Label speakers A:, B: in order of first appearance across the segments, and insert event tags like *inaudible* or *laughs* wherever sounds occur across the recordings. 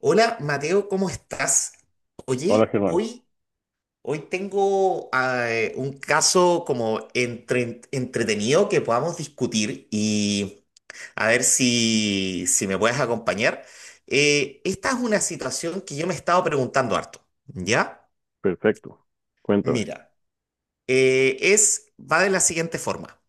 A: Hola Mateo, ¿cómo estás?
B: Hola
A: Oye,
B: Germán,
A: hoy, hoy tengo un caso como entretenido que podamos discutir y a ver si me puedes acompañar. Esta es una situación que yo me he estado preguntando harto, ¿ya?
B: perfecto. Cuéntame.
A: Mira, va de la siguiente forma.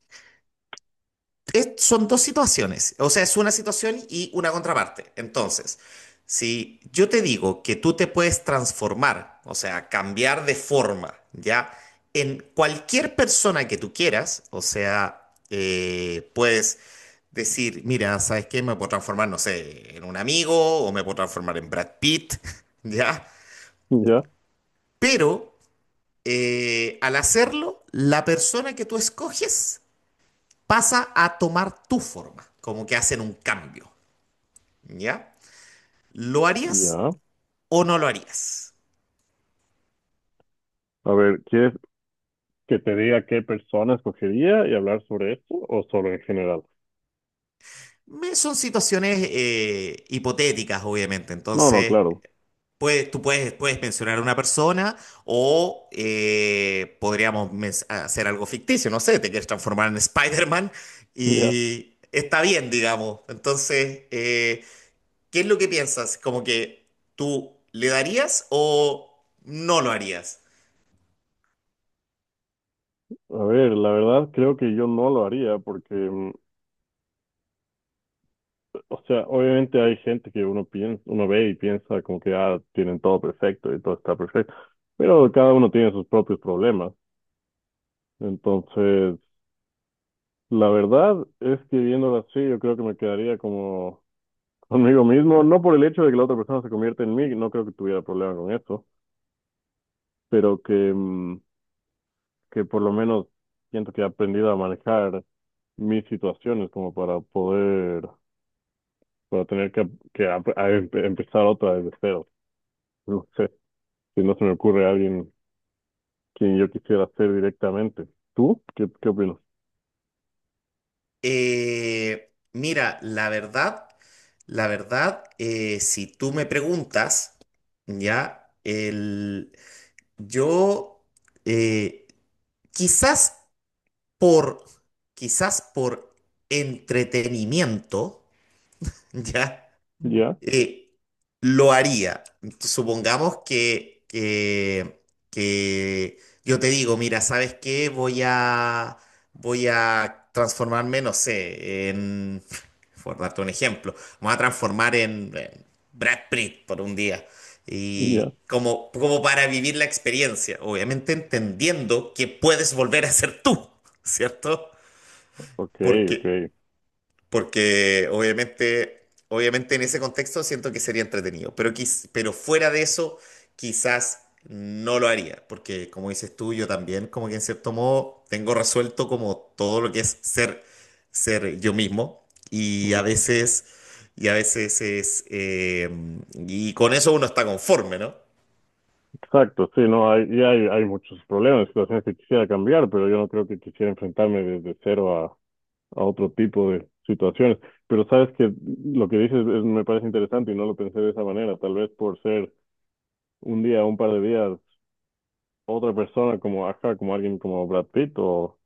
A: Son dos situaciones, o sea, es una situación y una contraparte. Entonces, si yo te digo que tú te puedes transformar, o sea, cambiar de forma, ¿ya? En cualquier persona que tú quieras, o sea, puedes decir, mira, ¿sabes qué? Me puedo transformar, no sé, en un amigo o me puedo transformar en Brad Pitt, *laughs* ¿ya?
B: Ya,
A: Pero al hacerlo, la persona que tú escoges pasa a tomar tu forma, como que hacen un cambio, ¿ya? ¿Lo harías
B: ya.
A: o no lo harías?
B: A ver, ¿quieres que te diga qué persona escogería y hablar sobre esto o solo en general?
A: Son situaciones hipotéticas, obviamente,
B: No, no,
A: entonces
B: claro.
A: tú puedes, puedes mencionar a una persona o podríamos hacer algo ficticio, no sé, te quieres transformar en Spider-Man
B: *laughs* Ya.
A: y está bien, digamos. Entonces, ¿qué es lo que piensas? ¿Como que tú le darías o no lo harías?
B: A ver, la verdad creo que yo no lo haría porque, o sea, obviamente hay gente que uno piensa, uno ve y piensa como que ah, tienen todo perfecto y todo está perfecto, pero cada uno tiene sus propios problemas. Entonces, la verdad es que viéndolo así, yo creo que me quedaría como conmigo mismo, no por el hecho de que la otra persona se convierta en mí, no creo que tuviera problema con eso, pero que que por lo menos siento que he aprendido a manejar mis situaciones como para poder, para tener que empezar otra desde cero. No sé, si no se me ocurre a alguien quien yo quisiera ser directamente. ¿Tú? ¿Qué opinas?
A: Mira, la verdad, si tú me preguntas, ya, el, yo eh, quizás por, quizás por entretenimiento, *laughs* ya
B: ¿Ya?
A: eh, lo haría. Supongamos que yo te digo, mira, ¿sabes qué? Voy a transformarme, no sé, *laughs* por darte un ejemplo, me voy a transformar en Brad Pitt por un día.
B: ¿Ya?
A: Y como, como para vivir la experiencia, obviamente entendiendo que puedes volver a ser tú, *laughs* ¿cierto?
B: Ok,
A: Porque
B: ok.
A: porque obviamente en ese contexto siento que sería entretenido, pero, pero fuera de eso quizás no lo haría, porque como dices tú, yo también como que en cierto modo tengo resuelto como todo lo que es ser, ser yo mismo
B: Ujú.
A: y a veces es, y con eso uno está conforme, ¿no?
B: Exacto, sí, no, hay muchos problemas, situaciones que quisiera cambiar, pero yo no creo que quisiera enfrentarme desde cero a otro tipo de situaciones. Pero sabes que lo que dices es- me parece interesante y no lo pensé de esa manera. Tal vez por ser un día, un par de días, otra persona como Aja, como alguien como Brad Pitt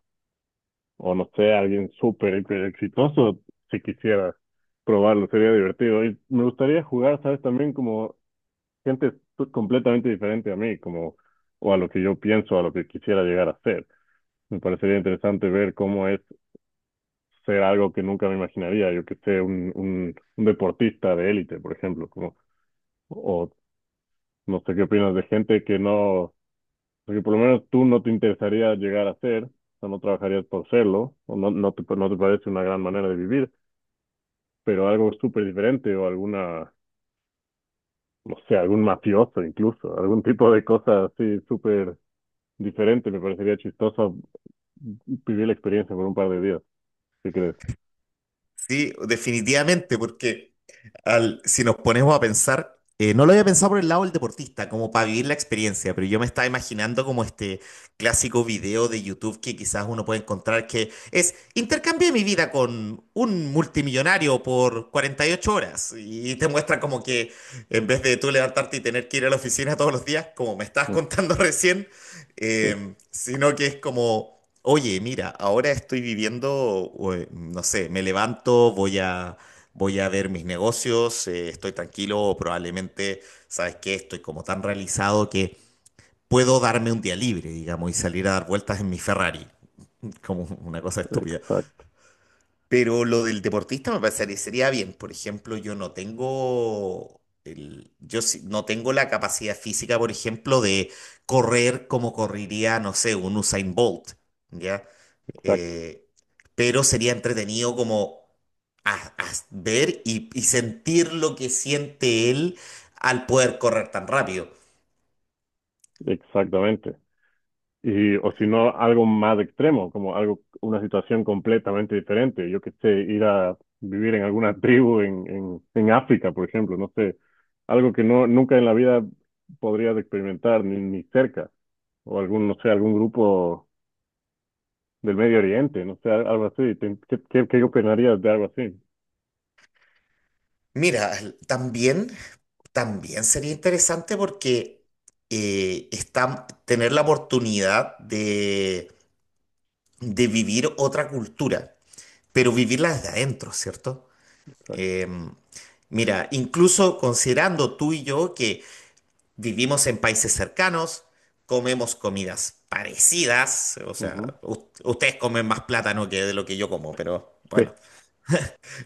B: o no sé, alguien súper hiper exitoso, si quisiera probarlo, sería divertido. Y me gustaría jugar, sabes, también como gente t- completamente diferente a mí, como o a lo que yo pienso, a lo que quisiera llegar a ser. Me parecería interesante ver cómo es ser algo que nunca me imaginaría, yo que sé, un deportista de élite, por ejemplo, como, o no sé qué opinas de gente que no, que por lo menos tú no te interesaría llegar a ser, o no trabajarías por serlo, o no, no te parece una gran manera de vivir, pero algo súper diferente o alguna, no sé, algún mafioso incluso, algún tipo de cosa así súper diferente, me parecería chistoso vivir la experiencia por un par de días, ¿qué crees?
A: Sí, definitivamente, porque... Si nos ponemos a pensar, no lo había pensado por el lado del deportista, como para vivir la experiencia, pero yo me estaba imaginando como este clásico video de YouTube que quizás uno puede encontrar que es intercambié mi vida con un multimillonario por 48 horas y te muestra como que en vez de tú levantarte y tener que ir a la oficina todos los días, como me estabas
B: Mm,
A: contando *laughs* recién,
B: sí,
A: sino que es como... Oye, mira, ahora estoy viviendo, no sé, me levanto, Voy a ver mis negocios, estoy tranquilo, o probablemente, ¿sabes qué? Estoy como tan realizado que puedo darme un día libre, digamos, y salir a dar vueltas en mi Ferrari, *laughs* como una cosa estúpida.
B: exacto,
A: Pero lo del deportista me parecería sería bien. Por ejemplo, yo no tengo la capacidad física, por ejemplo, de correr como correría, no sé, un Usain Bolt, ¿ya?
B: exacto.
A: Eh, pero sería entretenido como a ver y sentir lo que siente él al poder correr tan rápido.
B: Exactamente. Y, o si no, algo más extremo, como algo, una situación completamente diferente. Yo que sé, ir a vivir en alguna *laughs* tribu en África, por ejemplo, no sé, algo que no, nunca en la vida podrías experimentar, ni, ni cerca. O algún, no sé, algún grupo del Medio Oriente, no sé, al- algo así. Te- qué opinarías de algo así?
A: Mira, también, también sería interesante porque tener la oportunidad de vivir otra cultura, pero vivirla desde adentro, ¿cierto?
B: Exacto.
A: Em, mira, incluso considerando tú y yo que vivimos en países cercanos, comemos comidas parecidas, o sea,
B: Ujú.
A: ustedes comen más plátano que de lo que yo como, pero
B: Sí,
A: bueno,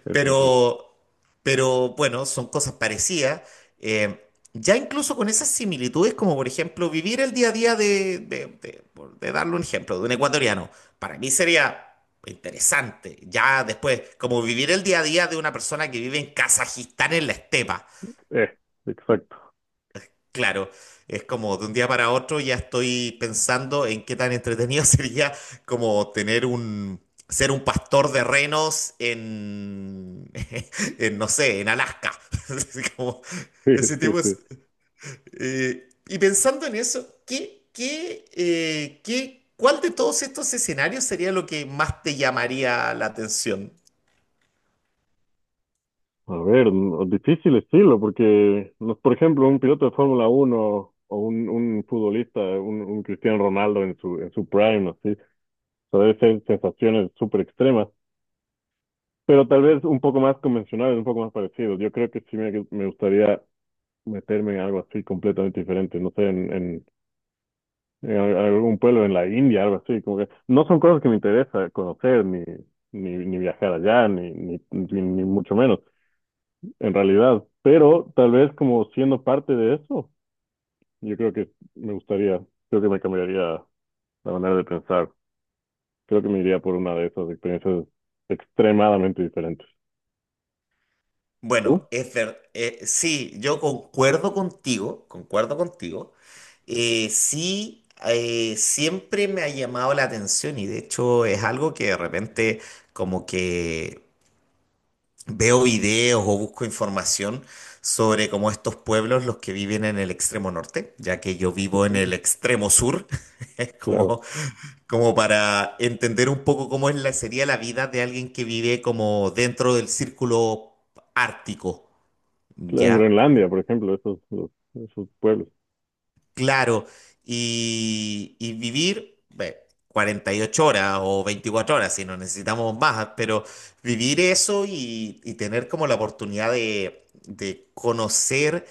B: eso sí.
A: pero, pero bueno, son cosas parecidas. eh, ya incluso con esas similitudes, como por ejemplo vivir el día a día de darle un ejemplo, de un ecuatoriano, para mí sería interesante. Ya después, como vivir el día a día de una persona que vive en Kazajistán en la estepa.
B: Eh, exacto. *laughs*
A: Claro, es como de un día para otro ya estoy pensando en qué tan entretenido *laughs* sería como ser un pastor de renos *laughs* en, no sé, en Alaska. *laughs* Así como
B: Sí,
A: ese
B: sí,
A: tipo
B: sí.
A: es- y pensando en eso, ¿cuál de todos estos escenarios sería lo que más te llamaría la atención?
B: A ver, no- difícil estilo, porque, no- por ejemplo, un piloto de Fórmula 1 o un futbolista, un Cristiano Ronaldo en en su prime, así, o sea, debe ser sensaciones súper extremas, pero tal vez un poco más convencionales, un poco más parecidos. Yo creo que sí me gustaría meterme en algo así completamente diferente, no sé, en al- algún pueblo en la India, algo así, como que no son cosas que me interesa conocer, ni viajar allá, ni mucho menos. En realidad, pero tal vez como siendo parte de eso, yo creo que me gustaría, creo que me cambiaría la manera de pensar. Creo que me iría por una de esas experiencias extremadamente diferentes.
A: Bueno,
B: ¿Tú?
A: es ver, sí, yo concuerdo contigo. Sí, Siempre me ha llamado la atención y de hecho es algo que de repente como que veo videos o busco información sobre como estos pueblos, los que viven en el extremo norte, ya que yo vivo en el
B: Sí,
A: extremo sur, *laughs* es
B: claro.
A: como, como para entender un poco sería la vida de alguien que vive como dentro del círculo ártico.
B: Claro, en
A: ¿Ya?
B: Groenlandia, por ejemplo, esos, los- esos pueblos.
A: Claro, y vivir 48 horas o 24 horas, si no necesitamos más, pero vivir eso y tener como la oportunidad de conocer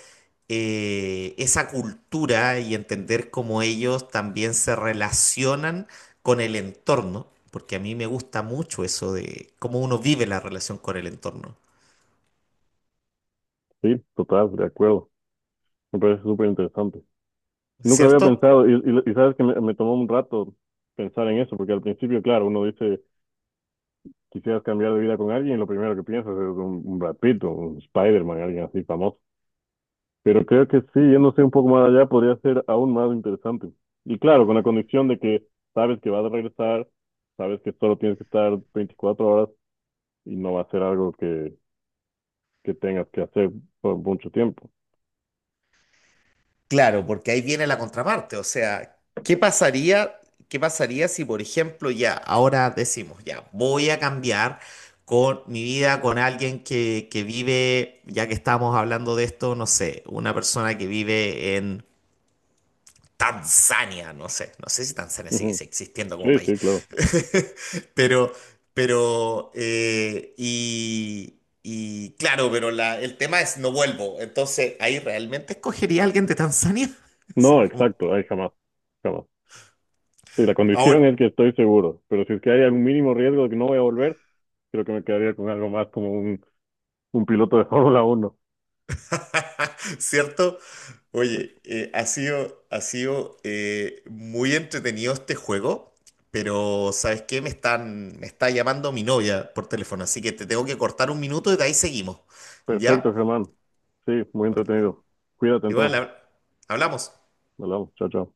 A: esa cultura y entender cómo ellos también se relacionan con el entorno, porque a mí me gusta mucho eso de cómo uno vive la relación con el entorno,
B: Sí, total, de acuerdo. Me parece súper interesante. Nunca había
A: ¿cierto?
B: pensado, y sabes que me tomó un rato pensar en eso, porque al principio, claro, uno dice, quisieras cambiar de vida con alguien, y lo primero que piensas es un Brad Pitt, o un Spider-Man, alguien así famoso. Pero creo que sí, yéndose un poco más allá podría ser aún más interesante. Y claro, con la condición de que sabes que vas a regresar, sabes que solo tienes que estar 24 horas y no va a ser algo que tengas que hacer por mucho tiempo.
A: Claro, porque ahí viene la contraparte. O sea, ¿qué pasaría si, por ejemplo, ya ahora decimos, ya voy a cambiar con mi vida con alguien que vive, ya que estamos hablando de esto, no sé, una persona que vive en Tanzania, no sé, no sé si Tanzania sigue
B: Ujú.
A: existiendo como
B: Sí,
A: país,
B: sí, claro.
A: *laughs* pero, y claro, pero el tema es no vuelvo, entonces ahí realmente escogería a alguien de Tanzania, *laughs* así
B: No,
A: como,
B: exacto, ahí jamás, jamás. Sí, la condición
A: ahora,
B: es que estoy seguro, pero si es que hay algún mínimo riesgo de que no voy a volver, creo que me quedaría con algo más como un piloto de *laughs* Fórmula 1.
A: *laughs* ¿cierto?
B: Sí.
A: Oye, ha sido muy entretenido este juego, pero ¿sabes qué? Me está llamando mi novia por teléfono, así que te tengo que cortar un minuto y de ahí seguimos,
B: Perfecto,
A: ¿ya?
B: Germán. Sí, muy
A: Ok,
B: entretenido. Cuídate
A: igual
B: entonces.
A: hablamos.
B: Hablamos. Chao, chao.